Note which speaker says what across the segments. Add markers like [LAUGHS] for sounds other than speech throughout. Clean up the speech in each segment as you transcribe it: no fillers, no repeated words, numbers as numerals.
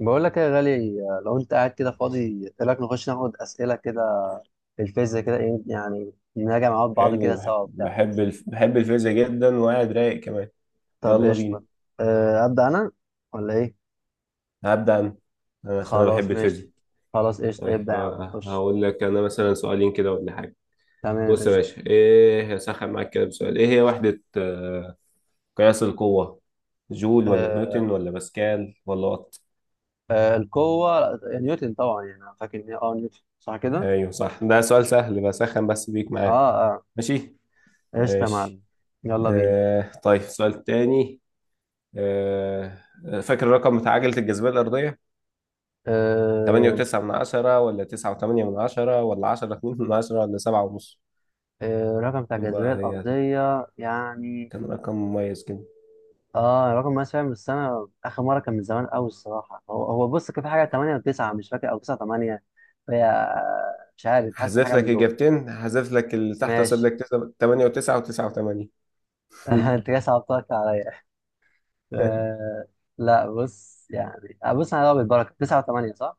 Speaker 1: بقول لك يا غالي، لو انت قاعد كده فاضي ايه رايك نخش ناخد اسئله كده في الفيزياء كده، ايه يعني نراجع مع بعض
Speaker 2: حلو
Speaker 1: كده سوا وبتاع.
Speaker 2: بحب الفيزياء جدا وقاعد رايق كمان.
Speaker 1: طب
Speaker 2: يلا
Speaker 1: قشطه.
Speaker 2: بينا.
Speaker 1: اه، ابدا انا ولا ايه.
Speaker 2: هبدأ أنا. عشان أنا بحب
Speaker 1: خلاص
Speaker 2: الفيزياء.
Speaker 1: ماشي، خلاص قشطه ابدا
Speaker 2: طيب
Speaker 1: يا عم خش.
Speaker 2: هقول لك أنا مثلا سؤالين كده ولا حاجة.
Speaker 1: تمام
Speaker 2: بص يا
Speaker 1: قشطه.
Speaker 2: باشا، إيه هسخن معاك كده بسؤال، إيه هي وحدة قياس القوة؟ جول ولا
Speaker 1: أه.
Speaker 2: نيوتن ولا باسكال ولا وات؟
Speaker 1: أه القوه آه، نيوتن طبعا، يعني انا فاكر ان هي اه نيوتن صح كده.
Speaker 2: أيوه صح، ده سؤال سهل بسخن بس بيك
Speaker 1: اه
Speaker 2: معاه.
Speaker 1: اه.
Speaker 2: ماشي
Speaker 1: قشطه يا
Speaker 2: ماشي.
Speaker 1: معلم. يلا بينا.
Speaker 2: آه طيب سؤال تاني. آه فاكر الرقم بتاع عجلة الجاذبية الأرضية؟ تمانية
Speaker 1: أه.
Speaker 2: وتسعة من عشرة ولا تسعة وتمانية من عشرة ولا عشرة اتنين من عشرة ولا سبعة ونص؟
Speaker 1: أه رقم بتاع
Speaker 2: شوف
Speaker 1: الجاذبيه
Speaker 2: بقى، هي
Speaker 1: الارضيه يعني.
Speaker 2: كان رقم مميز كده.
Speaker 1: اه رقم مقاس فعلا، بس انا اخر مره كان من زمان قوي الصراحه. هو بص كان في حاجه 8 و9 مش فاكر، او 9 8 فهي، مش عارف حاسس في
Speaker 2: هحذف
Speaker 1: حاجه
Speaker 2: لك
Speaker 1: من دول.
Speaker 2: إجابتين، هحذف لك اللي تحت وأسيب
Speaker 1: ماشي.
Speaker 2: لك تمانية وتسعة وتسعة وتمانية.
Speaker 1: [LAUGHS] انت
Speaker 2: [LAUGHS]
Speaker 1: كده صعبتك عليا. آه لا بص يعني آه، بص انا بالبركه 9 و8 صح؟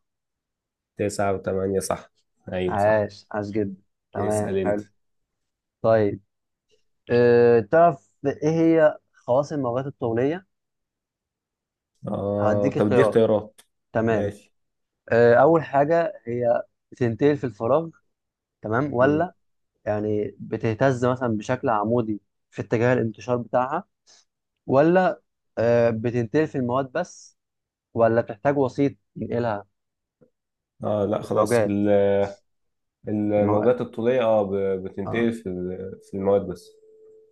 Speaker 2: تسعة وتمانية صح، أيوة صح.
Speaker 1: عاش عاش جدا. تمام
Speaker 2: اسأل أنت.
Speaker 1: حلو. طيب آه، تعرف ايه هي خواص الموجات الطوليه؟
Speaker 2: آه
Speaker 1: هديك
Speaker 2: طب دي
Speaker 1: اختيارات.
Speaker 2: اختيارات؟
Speaker 1: تمام.
Speaker 2: ماشي.
Speaker 1: آه اول حاجه هي بتنتقل في الفراغ، تمام
Speaker 2: مم.
Speaker 1: ولا يعني بتهتز مثلا بشكل عمودي في اتجاه الانتشار بتاعها، ولا آه، بتنتقل في المواد بس، ولا بتحتاج وسيط ينقلها.
Speaker 2: آه لا خلاص،
Speaker 1: الموجات. المو...
Speaker 2: الموجات الطولية
Speaker 1: اه
Speaker 2: بتنتقل في في المواد بس.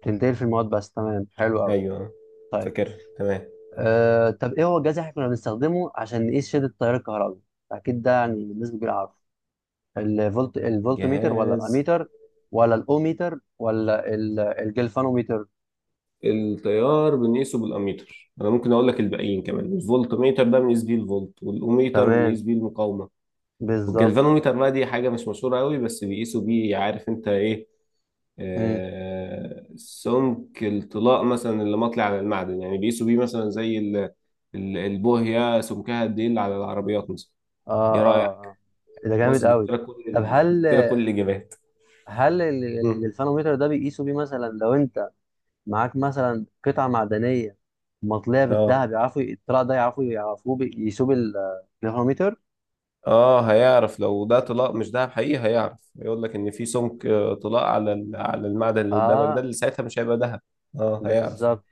Speaker 1: بتنتقل في المواد بس، تمام حلو قوي.
Speaker 2: أيوة،
Speaker 1: طيب
Speaker 2: فاكرها تمام.
Speaker 1: آه، طب ايه هو الجهاز اللي احنا كنا بنستخدمه عشان نقيس شدة التيار الكهربي؟ اكيد ده يعني بالنسبة كبيرة عارفه. الفولت، الفولت ميتر ولا
Speaker 2: جهاز.
Speaker 1: الاميتر ولا الاوميتر ولا الجلفانوميتر.
Speaker 2: التيار بنقيسه بالاميتر، انا ممكن اقول لك الباقيين كمان، الفولت ميتر ده بنقيس بيه الفولت، والاوميتر بنقيس
Speaker 1: تمام.
Speaker 2: بيه المقاومه،
Speaker 1: بالظبط.
Speaker 2: والجلفانوميتر بقى دي حاجه مش مشهوره قوي، بس بيقيسوا بيه، عارف انت ايه؟
Speaker 1: مم.
Speaker 2: آه سمك الطلاء مثلا اللي مطلع على المعدن، يعني بيقيسوا بيه مثلا زي البوهيه سمكها قد ايه اللي على العربيات مثلا. ايه
Speaker 1: اه
Speaker 2: رايك؟
Speaker 1: اه اه. ده جامد
Speaker 2: بص
Speaker 1: قوي. طب هل،
Speaker 2: جبت لك كل الاجابات.
Speaker 1: هل
Speaker 2: مم.
Speaker 1: الجلفانومتر ده بيقيسوا بيه مثلا لو انت معاك مثلا قطعه معدنيه مطليه
Speaker 2: اه
Speaker 1: بالذهب، يعرفوا الطلع ده، يعرفوا، يقيسوه بالجلفانومتر.
Speaker 2: اه هيعرف لو ده طلاق مش دهب حقيقي، هيعرف، هيقول لك ان في سمك طلاق على على المعدن اللي قدامك ده،
Speaker 1: اه.
Speaker 2: اللي ساعتها مش هيبقى دهب. اه هيعرف.
Speaker 1: بالظبط.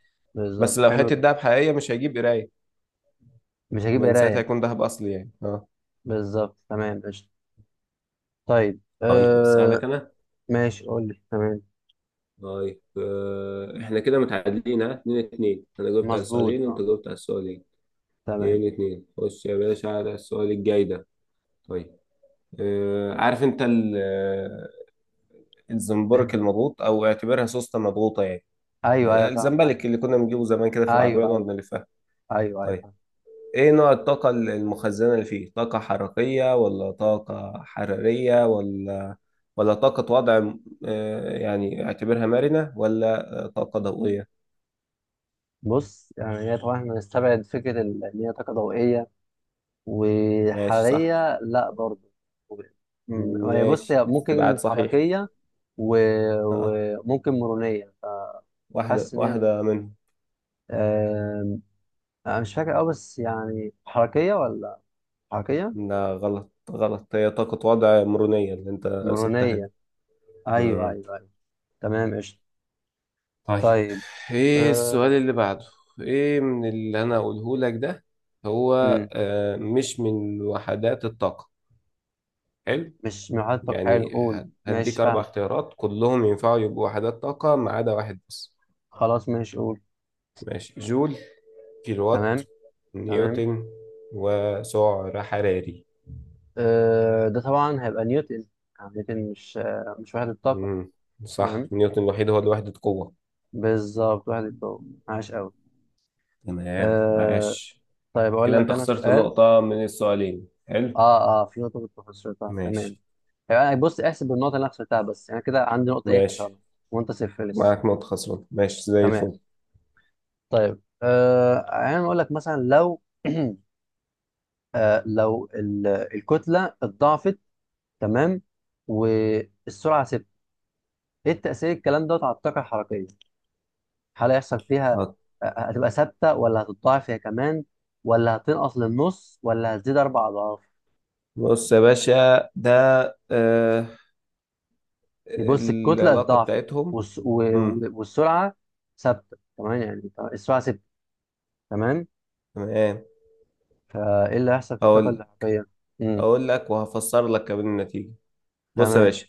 Speaker 2: بس
Speaker 1: بالظبط
Speaker 2: لو
Speaker 1: حلو
Speaker 2: حته
Speaker 1: جدا.
Speaker 2: دهب حقيقيه مش هيجيب قرايه،
Speaker 1: مش هجيب
Speaker 2: لان ساعتها
Speaker 1: قرايه.
Speaker 2: هيكون دهب اصلي يعني، اه.
Speaker 1: بالظبط تمام قشطه. طيب
Speaker 2: طيب اسالك
Speaker 1: آه.
Speaker 2: انا.
Speaker 1: ماشي قول لي. تمام.
Speaker 2: طيب احنا كده متعادلين ها 2-2، انا جاوبت على السؤالين
Speaker 1: مظبوط
Speaker 2: وانت
Speaker 1: اه.
Speaker 2: جاوبت على السؤالين.
Speaker 1: تمام.
Speaker 2: 2-2، خش يا باشا على السؤال الجاي ده. طيب عارف انت الزنبرك
Speaker 1: [CLEARS THROAT]
Speaker 2: المضغوط، او اعتبرها سوسته مضغوطه يعني،
Speaker 1: ايوه ايوه فاهم ايوه
Speaker 2: الزمبلك اللي كنا بنجيبه زمان كده في العربية
Speaker 1: ايوه
Speaker 2: نقعد
Speaker 1: ايوه،
Speaker 2: نلفها.
Speaker 1: ايوه ايوه
Speaker 2: طيب
Speaker 1: فاهم.
Speaker 2: ايه نوع الطاقة المخزنة اللي فيه؟ طاقة حركية ولا طاقة حرارية ولا طاقة وضع يعني اعتبرها مرنة، ولا طاقة ضوئية؟
Speaker 1: بص يعني هي طبعا احنا نستبعد فكره ان هي طاقه ضوئيه
Speaker 2: ماشي صح.
Speaker 1: وحرارية لا برضو. و- هي بص
Speaker 2: ماشي
Speaker 1: هي
Speaker 2: استبعاد
Speaker 1: ممكن
Speaker 2: صحيح.
Speaker 1: حركية. و-
Speaker 2: اه.
Speaker 1: وممكن مرونية.
Speaker 2: واحدة
Speaker 1: حاسس ان هي
Speaker 2: واحدة منهم.
Speaker 1: آم، انا مش فاكر قوي، بس يعني حركية ولا حركية.
Speaker 2: لا غلط غلط، هي طاقة وضع مرونية اللي انت سبتها دي.
Speaker 1: مرونية. ايوه
Speaker 2: مم.
Speaker 1: ايوه ايوه. تمام قشطة.
Speaker 2: طيب
Speaker 1: طيب.
Speaker 2: ايه
Speaker 1: أه.
Speaker 2: السؤال اللي بعده؟ ايه من اللي انا اقوله لك ده، هو
Speaker 1: مم.
Speaker 2: مش من وحدات الطاقة؟ حلو.
Speaker 1: مش محطك حلو
Speaker 2: يعني
Speaker 1: قول.
Speaker 2: هديك
Speaker 1: ماشي
Speaker 2: اربع
Speaker 1: فاهمك،
Speaker 2: اختيارات كلهم ينفعوا يبقوا وحدات طاقة ما عدا واحد بس.
Speaker 1: خلاص ماشي قول.
Speaker 2: ماشي. جول، كيلووات،
Speaker 1: تمام. تمام.
Speaker 2: نيوتن، وسعر حراري.
Speaker 1: أه ده طبعا هيبقى نيوتن، يعني نيوتن مش آه، مش وحدة طاقة.
Speaker 2: مم. صح،
Speaker 1: تمام
Speaker 2: نيوتن الوحيد هو لوحدة قوة.
Speaker 1: بالظبط وحدة قوة عاش قوي.
Speaker 2: تمام
Speaker 1: آه
Speaker 2: عاش.
Speaker 1: طيب اقول
Speaker 2: كده
Speaker 1: لك
Speaker 2: انت
Speaker 1: انا
Speaker 2: خسرت
Speaker 1: سؤال.
Speaker 2: نقطة من السؤالين، حلو.
Speaker 1: اه اه في نقطه كنت خسرتها تمام.
Speaker 2: ماشي.
Speaker 1: يعني بص احسب النقطه اللي انا خسرتها، بس يعني كده عندي نقطه ايه
Speaker 2: ماشي،
Speaker 1: خسرنا، وانت صفر لسه.
Speaker 2: معاك نقطة خسران، ماشي زي
Speaker 1: تمام.
Speaker 2: الفل.
Speaker 1: طيب آه، يعني اقول لك مثلا لو [CLEARS THROAT] آه لو الكتله اتضاعفت، تمام، والسرعه ثابته، ايه التاثير الكلام دوت على الطاقه الحركيه؟ هل هيحصل فيها
Speaker 2: هات.
Speaker 1: آه، هتبقى ثابته، ولا هتتضاعف هي كمان، ولا هتنقص للنص، ولا هتزيد اربع اضعاف؟
Speaker 2: بص يا باشا ده، آه،
Speaker 1: بص الكتله
Speaker 2: العلاقة
Speaker 1: اتضاعفت،
Speaker 2: بتاعتهم. امم.
Speaker 1: والسرعه ثابته، تمام، يعني السرعه ثابته، تمام.
Speaker 2: تمام.
Speaker 1: فايه اللي هيحصل في
Speaker 2: هقول
Speaker 1: الطاقه
Speaker 2: لك
Speaker 1: الاحتياطيه. امم.
Speaker 2: هقول لك وهفسر لك كمان النتيجة. بص يا
Speaker 1: تمام.
Speaker 2: باشا،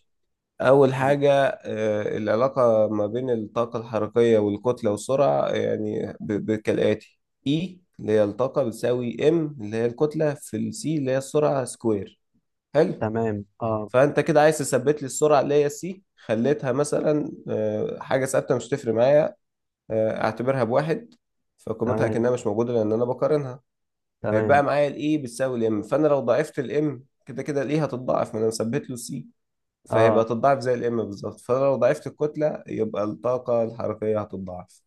Speaker 2: أول
Speaker 1: مم.
Speaker 2: حاجة، آه، العلاقة ما بين الطاقة الحركية والكتلة والسرعة، يعني كالآتي: E اللي هي الطاقة بتساوي M اللي هي الكتلة في السي اللي هي السرعة سكوير. حلو.
Speaker 1: تمام اه.
Speaker 2: فانت كده عايز تثبت لي السرعه اللي هي سي، خليتها مثلا حاجه ثابته مش تفرق معايا، اعتبرها بواحد، فقيمتها
Speaker 1: تمام.
Speaker 2: كانها مش موجوده لان انا بقارنها.
Speaker 1: تمام
Speaker 2: هيبقى معايا الاي بتساوي الام، فانا لو ضعفت الام كده كده الاي هتتضاعف ما انا مثبت له سي. فهيبقى
Speaker 1: اه.
Speaker 2: تتضاعف زي الام بالظبط، فانا لو ضعفت الكتله يبقى الطاقه الحركيه هتتضاعف.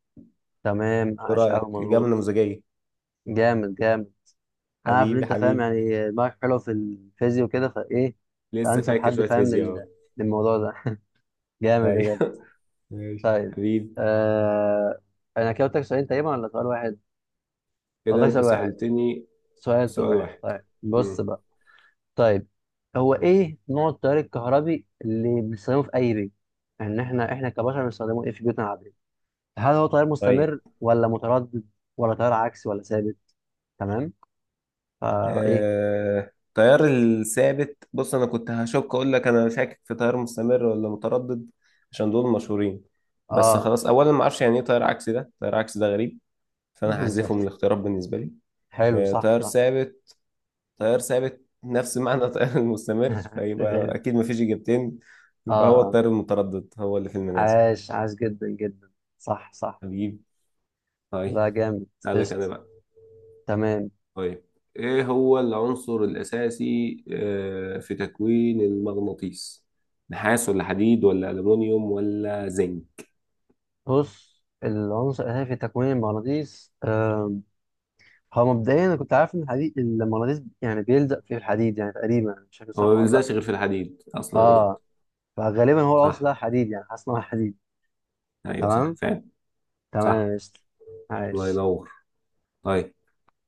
Speaker 1: تمام
Speaker 2: ايه
Speaker 1: عاش قوي
Speaker 2: رايك؟ اجابه
Speaker 1: مظبوط.
Speaker 2: نموذجيه.
Speaker 1: جامد جامد. انا عارف ان
Speaker 2: حبيبي
Speaker 1: انت فاهم،
Speaker 2: حبيبي.
Speaker 1: يعني دماغك حلو في الفيزياء وكده، فايه.
Speaker 2: لسه
Speaker 1: فانسب
Speaker 2: فاكر
Speaker 1: حد
Speaker 2: شويه
Speaker 1: فاهم
Speaker 2: فيزياء اهو.
Speaker 1: للموضوع ده. [LAUGHS] جامد بجد.
Speaker 2: ايوه [LAUGHS] ماشي
Speaker 1: طيب
Speaker 2: حبيبي.
Speaker 1: آه، انا كده قلت لك سؤالين تقريبا ولا سؤال واحد؟ قلت
Speaker 2: كده
Speaker 1: لك
Speaker 2: انت
Speaker 1: سؤال واحد.
Speaker 2: سالتني
Speaker 1: سؤال
Speaker 2: سؤال
Speaker 1: واحد.
Speaker 2: واحد.
Speaker 1: طيب بص
Speaker 2: مم.
Speaker 1: بقى. طيب هو ايه نوع التيار الكهربي اللي بنستخدمه في اي بيت، ان احنا كبشر بنستخدمه ايه في بيوتنا العاديه؟ هل هو تيار
Speaker 2: طيب
Speaker 1: مستمر ولا متردد ولا تيار عكسي ولا ثابت؟ تمام. فا ايه.
Speaker 2: التيار الثابت، بص انا كنت هشك، اقول لك انا شاكك في تيار مستمر ولا متردد، عشان دول مشهورين. بس
Speaker 1: اه
Speaker 2: خلاص، اولا ما اعرفش يعني ايه تيار عكسي، ده تيار عكسي ده غريب، فانا هحذفه من
Speaker 1: بالظبط
Speaker 2: الاختيارات بالنسبه لي.
Speaker 1: حلو صح
Speaker 2: تيار
Speaker 1: صح.
Speaker 2: ثابت، تيار ثابت نفس معنى التيار [LAUGHS] المستمر،
Speaker 1: [LAUGHS]
Speaker 2: فيبقى
Speaker 1: غير.
Speaker 2: اكيد ما فيش اجابتين،
Speaker 1: اه
Speaker 2: يبقى هو
Speaker 1: آه.
Speaker 2: التيار المتردد هو اللي في المنازل.
Speaker 1: عاش عاش جدا جدا صح صح.
Speaker 2: هجيب. طيب.
Speaker 1: لا جامد.
Speaker 2: تعالى لك انا
Speaker 1: قشطة.
Speaker 2: بقى.
Speaker 1: تمام.
Speaker 2: طيب ايه هو العنصر الاساسي في تكوين المغناطيس؟ نحاس ولا حديد ولا الومنيوم ولا زنك؟
Speaker 1: بص العنصر الأساسي في تكوين المغناطيس آه، هو مبدئيا انا كنت عارف ان الحديد، المغناطيس يعني بيلزق في الحديد يعني تقريبا، مش فاكر
Speaker 2: هو ما
Speaker 1: صح ولا لا.
Speaker 2: بيلزقش غير في الحديد اصلا يعني.
Speaker 1: اه. فغالبا هو العنصر
Speaker 2: صح.
Speaker 1: ده حديد، يعني حاسس ان هو حديد.
Speaker 2: ايوه صح
Speaker 1: تمام.
Speaker 2: فعلا.
Speaker 1: تمام
Speaker 2: صح.
Speaker 1: يا قشطة.
Speaker 2: الله
Speaker 1: عايش.
Speaker 2: ينور. طيب.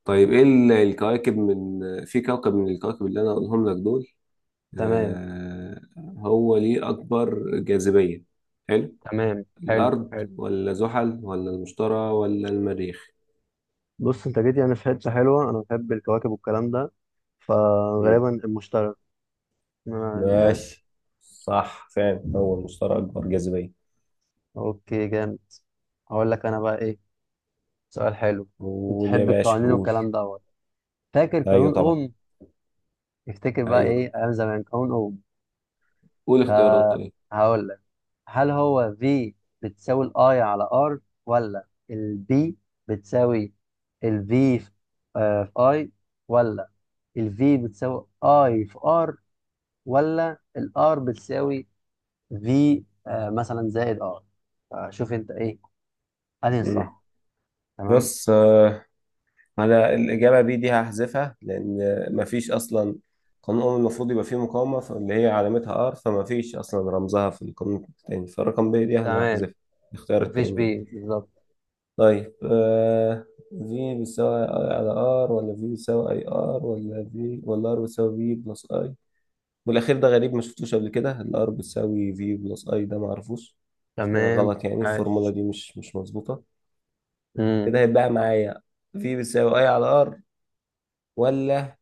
Speaker 2: طيب ايه الكواكب من آه، في كوكب من الكواكب اللي انا اقولهم لك دول،
Speaker 1: تمام.
Speaker 2: آه، هو ليه اكبر جاذبية؟ حلو.
Speaker 1: تمام حلو
Speaker 2: الارض
Speaker 1: حلو.
Speaker 2: ولا زحل ولا المشتري ولا المريخ؟
Speaker 1: بص انت جيت يعني في حته حلوه، انا بحب الكواكب والكلام ده. فغالبا المشتري. أنا فاهم.
Speaker 2: ماشي. صح فعلا، هو المشترى أكبر جاذبية.
Speaker 1: اوكي جامد. هقول لك انا بقى ايه سؤال حلو.
Speaker 2: قول يا
Speaker 1: بتحب
Speaker 2: باشا
Speaker 1: القوانين
Speaker 2: قول.
Speaker 1: والكلام دوت. فاكر
Speaker 2: أيوه
Speaker 1: قانون
Speaker 2: طبعا.
Speaker 1: اوم. افتكر بقى
Speaker 2: ايوه.
Speaker 1: ايه ايام زمان قانون اوم.
Speaker 2: قول اختيارات طيب.
Speaker 1: فهقول، هل هو V بتساوي ال I على R، ولا ال B بتساوي ال V في آه، في I، ولا ال V بتساوي I في R، ولا ال R بتساوي V آه، مثلا زائد R؟ فشوف انت ايه انهي
Speaker 2: مم.
Speaker 1: الصح. تمام.
Speaker 2: بص أنا الإجابة بي دي هحذفها، لأن مفيش أصلا قانون أول المفروض يبقى فيه مقاومة، اللي هي علامتها آر، فمفيش أصلا رمزها في القانون التاني، فالرقم بي دي أنا
Speaker 1: تمام.
Speaker 2: هحذفها، الاختيار
Speaker 1: مفيش B،
Speaker 2: التاني يعني.
Speaker 1: بالظبط.
Speaker 2: طيب في بيساوي أي على آر ولا في بيساوي أي آر ولا في ولا آر بيساوي في بلس اي، والاخير ده غريب ما شفتوش قبل كده، الار بتساوي في بلس اي، ده ما اعرفوش،
Speaker 1: تمام
Speaker 2: فغلط، يعني الفورمولا
Speaker 1: عاش.
Speaker 2: دي مش مظبوطه.
Speaker 1: امم.
Speaker 2: كده هيتبقى معايا في بتساوي اي على ار، ولا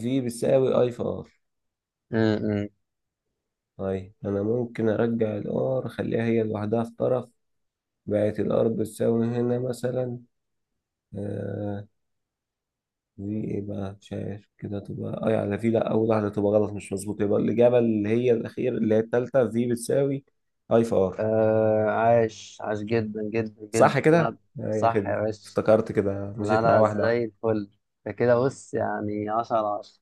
Speaker 2: في بتساوي اي في ار.
Speaker 1: امم.
Speaker 2: طيب انا ممكن ارجع الار اخليها هي لوحدها في طرف، بقت الار بتساوي هنا مثلا، آه، في ايه بقى مش عارف، كده تبقى اي على في، لا اول واحده تبقى غلط مش مظبوطه، يبقى الاجابه اللي هي الاخير اللي هي التالته، في بتساوي اي في ار.
Speaker 1: آه عاش عاش جدا جدا جدا
Speaker 2: صح
Speaker 1: لا،
Speaker 2: كده يا
Speaker 1: صح يا
Speaker 2: خدمة،
Speaker 1: باشا.
Speaker 2: افتكرت كده
Speaker 1: لا
Speaker 2: مشيت معاه
Speaker 1: لا
Speaker 2: واحدة واحدة.
Speaker 1: زي الفل. ده كده بص يعني 10 على 10.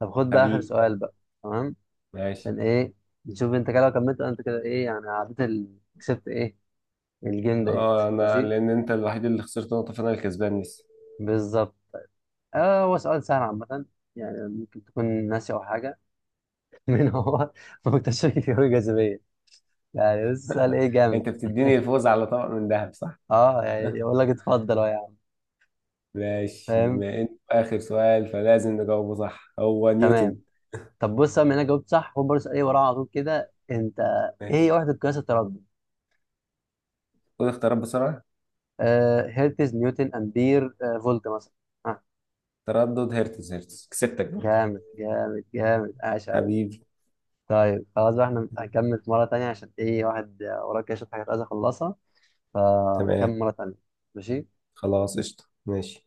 Speaker 1: طب خد بقى آخر
Speaker 2: حبيبي.
Speaker 1: سؤال بقى. تمام.
Speaker 2: ماشي.
Speaker 1: عشان إيه نشوف أنت كده لو كملت أنت كده إيه، يعني عديت ال... كسبت إيه الجيم ديت
Speaker 2: اه انا،
Speaker 1: ماشي.
Speaker 2: لان انت الوحيد اللي خسرت نقطة فانا الكسبان لسه.
Speaker 1: بالظبط. آه هو سؤال سهل عامة، يعني ممكن تكون ناسي أو حاجة. [LAUGHS] من هو مكتشف الجاذبية، يعني بص سؤال
Speaker 2: [LAUGHS]
Speaker 1: إيه جامد.
Speaker 2: انت بتديني الفوز على طبق من ذهب، صح؟
Speaker 1: أه يعني يقول لك اتفضل أهو يا عم.
Speaker 2: ماشي،
Speaker 1: فاهم.
Speaker 2: بما ان اخر سؤال فلازم نجاوبه، صح، هو
Speaker 1: تمام.
Speaker 2: نيوتن.
Speaker 1: طب بص بما إنك جاوبت صح خد برضه سؤال إيه وراه على طول كده أنت. إيه هي
Speaker 2: ماشي.
Speaker 1: وحدة قياس التردد؟
Speaker 2: خد اختيارات بسرعة.
Speaker 1: آه هيرتز، نيوتن، امبير، آه فولت مثلا. آه. مم.
Speaker 2: تردد، هرتز، هرتز كسبتك برضه.
Speaker 1: جامد جامد جامد عاش قوي.
Speaker 2: حبيبي.
Speaker 1: طيب خلاص بقى، احنا هنكمل في مره تانية عشان ايه واحد آه، وراه كده شويه حاجات عايز اخلصها، فنكمل
Speaker 2: تمام
Speaker 1: مره تانية. ماشي.
Speaker 2: خلاص، قشطة ماشي.